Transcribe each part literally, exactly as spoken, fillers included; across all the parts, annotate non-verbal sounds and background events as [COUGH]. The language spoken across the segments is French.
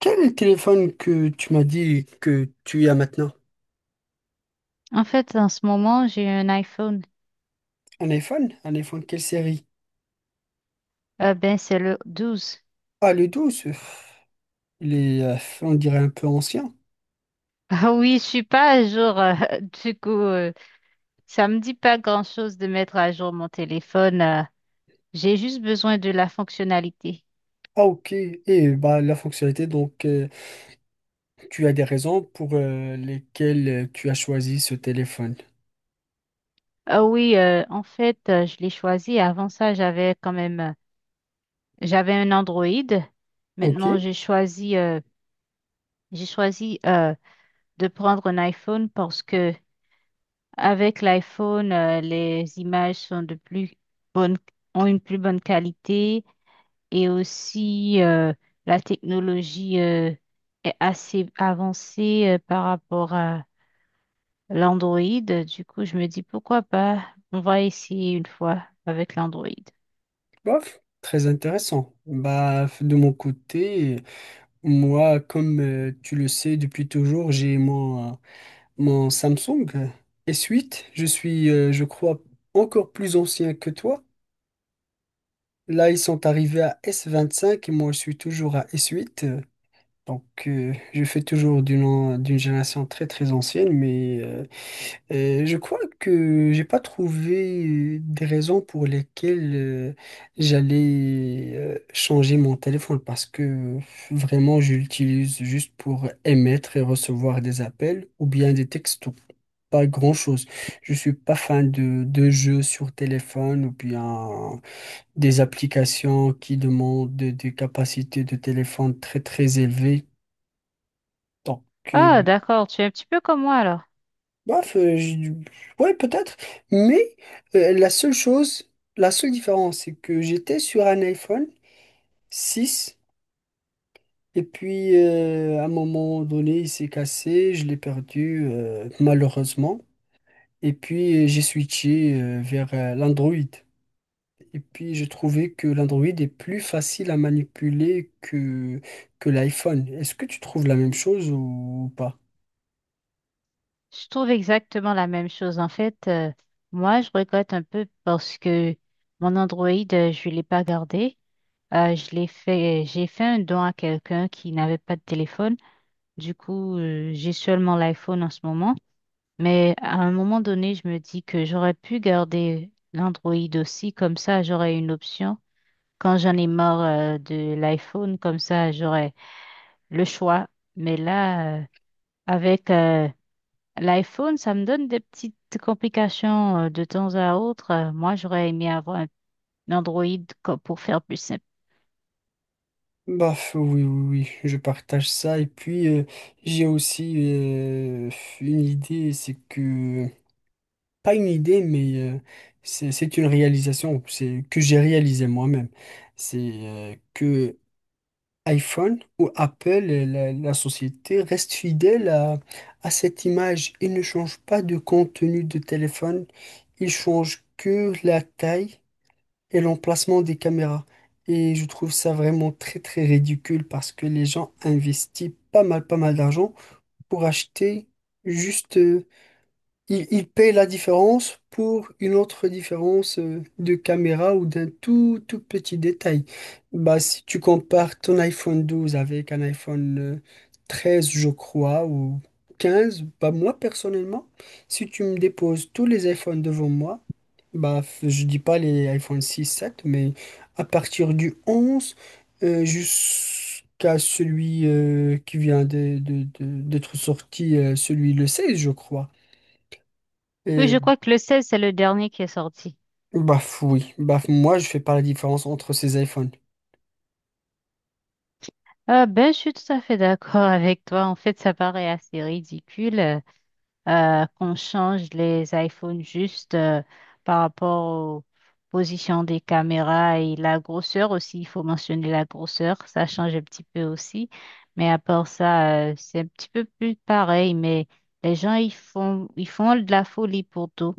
Quel est le téléphone que tu m'as dit que tu as maintenant? En fait, en ce moment, j'ai un iPhone. Un iPhone? Un iPhone quelle série? Euh, ben, c'est le douze. Ah, le douze, euh, Il est, euh, on dirait, un peu ancien. [LAUGHS] Ah oui, je suis pas à jour. euh, [LAUGHS] du coup, euh, ça me dit pas grand-chose de mettre à jour mon téléphone. Euh, j'ai juste besoin de la fonctionnalité. Ah, ok. Et bah, la fonctionnalité, donc, euh, tu as des raisons pour euh, lesquelles euh, tu as choisi ce téléphone. Ah oui, euh, en fait, euh, je l'ai choisi. Avant ça, j'avais quand même, euh, j'avais un Android. Ok, Maintenant, j'ai choisi, euh, j'ai choisi euh, de prendre un iPhone parce que avec l'iPhone, euh, les images sont de plus bonnes, ont une plus bonne qualité. Et aussi, euh, la technologie euh, est assez avancée euh, par rapport à l'Android. Du coup, je me dis, pourquoi pas? On va essayer une fois avec l'Android. bof, très intéressant. Bah, de mon côté, moi, comme euh, tu le sais depuis toujours, j'ai mon, euh, mon Samsung S huit. Je suis, euh, je crois, encore plus ancien que toi. Là, ils sont arrivés à S vingt-cinq et moi, je suis toujours à S huit. euh, Donc, euh, je fais toujours d'une an- d'une génération très, très ancienne, mais euh, euh, je crois que j'ai pas trouvé euh, des raisons pour lesquelles euh, j'allais euh, changer mon téléphone parce que euh, vraiment, je l'utilise juste pour émettre et recevoir des appels ou bien des textos. Pas grand-chose. Je suis pas fan de, de jeux sur téléphone ou bien des applications qui demandent de- des capacités de téléphone très très élevées. Donc, euh, Ah, d'accord, tu es un petit peu comme moi alors. bref, euh, je- ouais, peut-être. Mais euh, la seule chose, la seule différence, c'est que j'étais sur un iPhone six et puis euh, à un moment donné, il s'est cassé, je l'ai perdu euh, malheureusement. Et puis euh, j'ai switché euh, vers euh, l'Android. Et puis, j'ai trouvé que l'Android est plus facile à manipuler que, que l'iPhone. Est-ce que tu trouves la même chose ou pas? Je trouve exactement la même chose. En fait, euh, moi, je regrette un peu parce que mon Android, euh, je ne l'ai pas gardé. Euh, je l'ai fait, j'ai fait un don à quelqu'un qui n'avait pas de téléphone. Du coup, euh, j'ai seulement l'iPhone en ce moment. Mais à un moment donné, je me dis que j'aurais pu garder l'Android aussi, comme ça j'aurais une option. Quand j'en ai marre euh, de l'iPhone, comme ça j'aurais le choix. Mais là, euh, avec euh, l'iPhone, ça me donne des petites complications euh, de temps à autre. Euh, Moi, j'aurais aimé avoir un un Android co- pour faire plus simple. Bah, f- oui, oui, oui, je partage ça. Et puis, euh, j'ai aussi euh, une idée, c'est que... Pas une idée, mais euh, c'est c'est une réalisation c'est, que j'ai réalisé moi-même. C'est euh, que iPhone ou Apple, et la, la société, reste fidèle à, à cette image. Ils ne changent pas de contenu de téléphone, ils changent que la taille et l'emplacement des caméras. Et je trouve ça vraiment très très ridicule parce que les gens investissent pas mal pas mal d'argent pour acheter juste euh, il, il paye la différence pour une autre différence euh, de caméra ou d'un tout, tout petit détail. Bah, si tu compares ton iPhone douze avec un iPhone euh, treize, je crois, ou quinze, bah, moi personnellement, si tu me déposes tous les iPhones devant moi, bah, f- je dis pas les iPhone six, sept, mais à partir du onze euh, jusqu'à celui euh, qui vient de- de- de- d'être sorti, euh, celui le seize, je crois. Mais je crois que le seize, c'est le dernier qui est sorti. Baf, oui. Baf, moi, je fais pas la différence entre ces iPhones. Ah ben, je suis tout à fait d'accord [LAUGHS] avec toi. En fait, ça paraît assez ridicule. Euh, qu'on change les iPhones juste euh, par rapport aux positions des caméras et la grosseur aussi. Il faut mentionner la grosseur, ça change un petit peu aussi. Mais à part ça, euh, c'est un petit peu plus pareil. Mais les gens, ils font, ils font de la folie pour tout.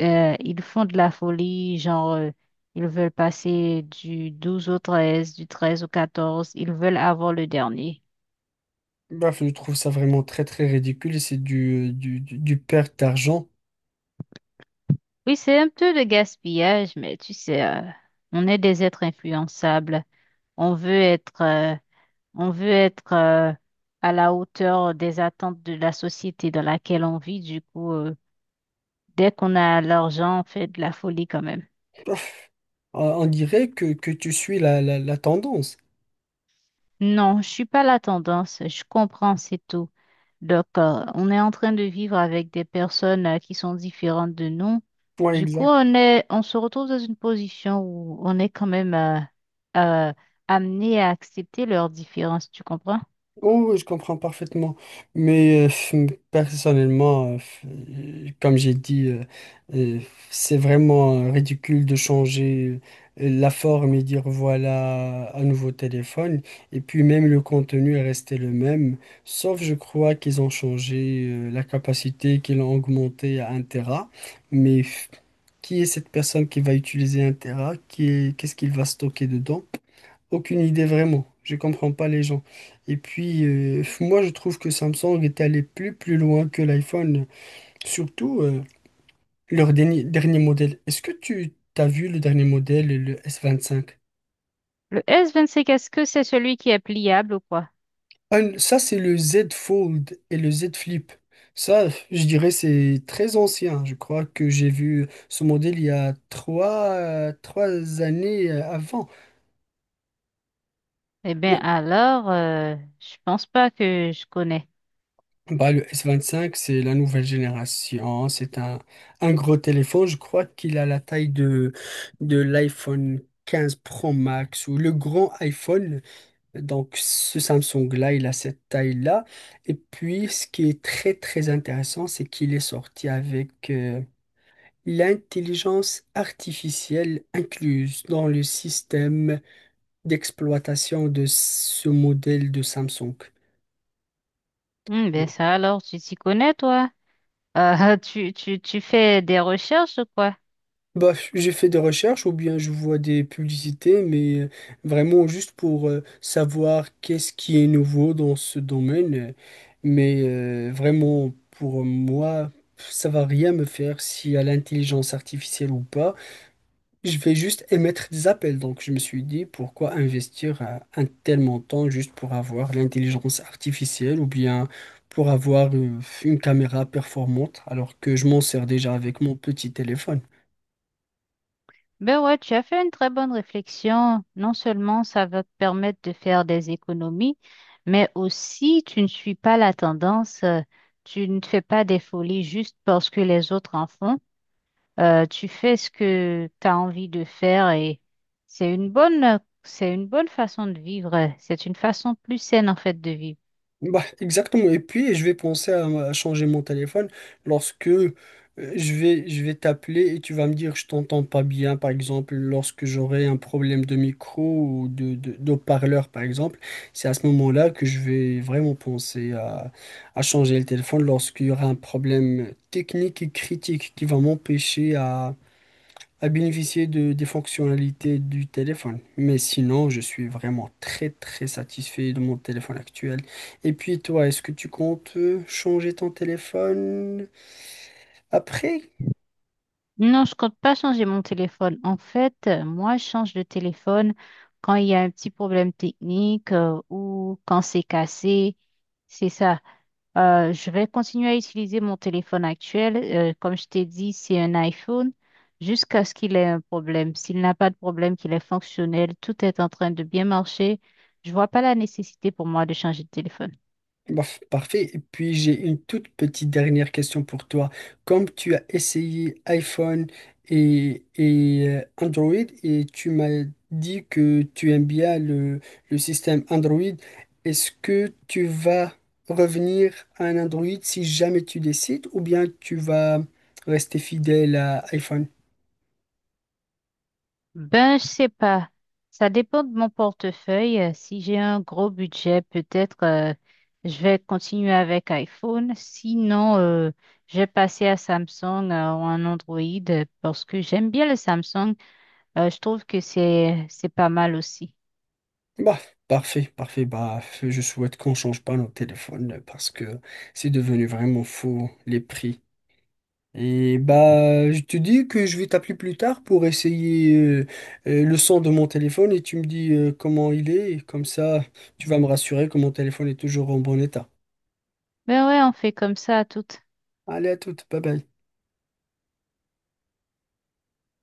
Euh, ils font de la folie, genre, euh, ils veulent passer du douze au treize, du treize au quatorze. Ils veulent avoir le dernier. Baf, je trouve ça vraiment très, très ridicule et c'est du, du, du, du perte d'argent. Oui, c'est un peu de gaspillage, mais tu sais, euh, on est des êtres influençables. On veut être, euh, on veut être euh, à la hauteur des attentes de la société dans laquelle on vit. Du coup, euh, dès qu'on a l'argent, on fait de la folie quand même. Baf, on on dirait que, que tu suis la, la, la tendance. Non, je suis pas la tendance. Je comprends, c'est tout. Donc, euh, on est en train de vivre avec des personnes euh, qui sont différentes de nous. Ouais, Du coup, on est, on se retrouve dans une position où on est quand même euh, euh, amené à accepter leurs différences. Tu comprends? Oh, oui, je comprends parfaitement. Mais euh, personnellement, euh, comme j'ai dit, euh, euh, c'est vraiment euh, ridicule de changer euh, euh, la forme et dire voilà un nouveau téléphone. Et puis même le contenu est resté le même, sauf je crois qu'ils ont changé euh, la capacité, qu'ils l'ont augmentée à un téra. Mais f- qui est cette personne qui va utiliser un téra? Qui est- Qu'est-ce qu'il va stocker dedans? Aucune idée vraiment. Je comprends pas les gens. Et puis, euh, moi, je trouve que Samsung est allé plus plus loin que l'iPhone, surtout euh, leur dernier, dernier modèle. Est-ce que tu as vu le dernier modèle, le S vingt-cinq? Le S vingt-cinq, est-ce que c'est celui qui est pliable ou quoi? Ah, ça, c'est le Z Fold et le Z Flip. Ça, je dirais, c'est très ancien. Je crois que j'ai vu ce modèle il y a trois, trois années euh, avant. Eh bien, alors, euh, je pense pas que je connais. Bah, le S vingt-cinq, c'est la nouvelle génération. C'est un, un gros téléphone. Je crois qu'il a la taille de, de l'iPhone quinze Pro Max ou le grand iPhone. Donc, ce Samsung-là, il a cette taille-là. Et puis, ce qui est très, très intéressant, c'est qu'il est sorti avec euh, l'intelligence artificielle incluse dans le système d'exploitation de ce modèle de Samsung. Hmm, ben ça, alors, tu t'y connais, toi? Euh, [LAUGHS] tu, tu, tu fais des recherches ou quoi? Bah, j'ai fait des recherches ou bien je vois des publicités, mais euh, vraiment juste pour euh, savoir qu'est-ce qui est nouveau dans ce domaine. euh, Mais euh, vraiment, pour moi, ça va rien me faire s'il y a l'intelligence artificielle ou pas. Je vais juste émettre des appels. Donc, je me suis dit, pourquoi investir euh, un tel montant juste pour avoir l'intelligence artificielle ou bien pour avoir euh, une caméra performante alors que je m'en sers déjà avec mon petit téléphone. Ben ouais, tu as fait une très bonne réflexion. Non seulement ça va te permettre de faire des économies, mais aussi tu ne suis pas la tendance, euh, tu ne fais pas des folies juste parce que les autres en font. Euh, tu fais ce que tu as envie de faire et c'est une bonne, c'est une bonne façon de vivre. C'est une façon plus saine en fait de vivre. Bah, exactement. Et puis, je vais penser à, à changer mon téléphone lorsque euh, je vais, je vais t'appeler et tu vas me dire je t'entends pas bien, par exemple, lorsque j'aurai un problème de micro ou de, de, d'haut-parleur, par exemple. C'est à ce moment-là que je vais vraiment penser à, à changer le téléphone lorsqu'il y aura un problème technique et critique qui va m'empêcher à bénéficier de, des fonctionnalités du téléphone. Mais sinon, je suis vraiment très très satisfait de mon téléphone actuel. Et puis toi, est-ce que tu comptes euh, changer ton téléphone après? Non, je compte pas changer mon téléphone. En fait, euh, moi, je change de téléphone quand il y a un petit problème technique euh, ou quand c'est cassé. C'est ça. Euh, je vais continuer à utiliser mon téléphone actuel. Euh, comme je t'ai dit, c'est un iPhone jusqu'à ce qu'il ait un problème. S'il n'a pas de problème, qu'il est fonctionnel, tout est en train de bien marcher. Je vois pas la nécessité pour moi de changer de téléphone. Bof, parfait. Et puis j'ai une toute petite dernière question pour toi. Comme tu as essayé iPhone et, et euh, Android et tu m'as dit que tu aimes bien le, le système Android, est-ce que tu vas revenir à un Android si jamais tu décides ou bien tu vas rester fidèle à iPhone? Ben, je sais pas. Ça dépend de mon portefeuille. Euh, Si j'ai un gros budget, peut-être euh, je vais continuer avec iPhone. Sinon, euh, je vais passer à Samsung euh, ou un Android euh, parce que j'aime bien le Samsung. Euh, je trouve que c'est c'est pas mal aussi. Bah, parfait, parfait. Bah, je souhaite qu'on change pas nos téléphones parce que c'est devenu vraiment fou les prix. Et bah, je te dis que je vais t'appeler plus tard pour essayer euh, euh, le son de mon téléphone et tu me dis euh, comment il est. Et comme ça, tu vas me rassurer que mon téléphone est toujours en bon état. Ben ouais, on fait comme ça à toutes. Allez, à toute, bye bye.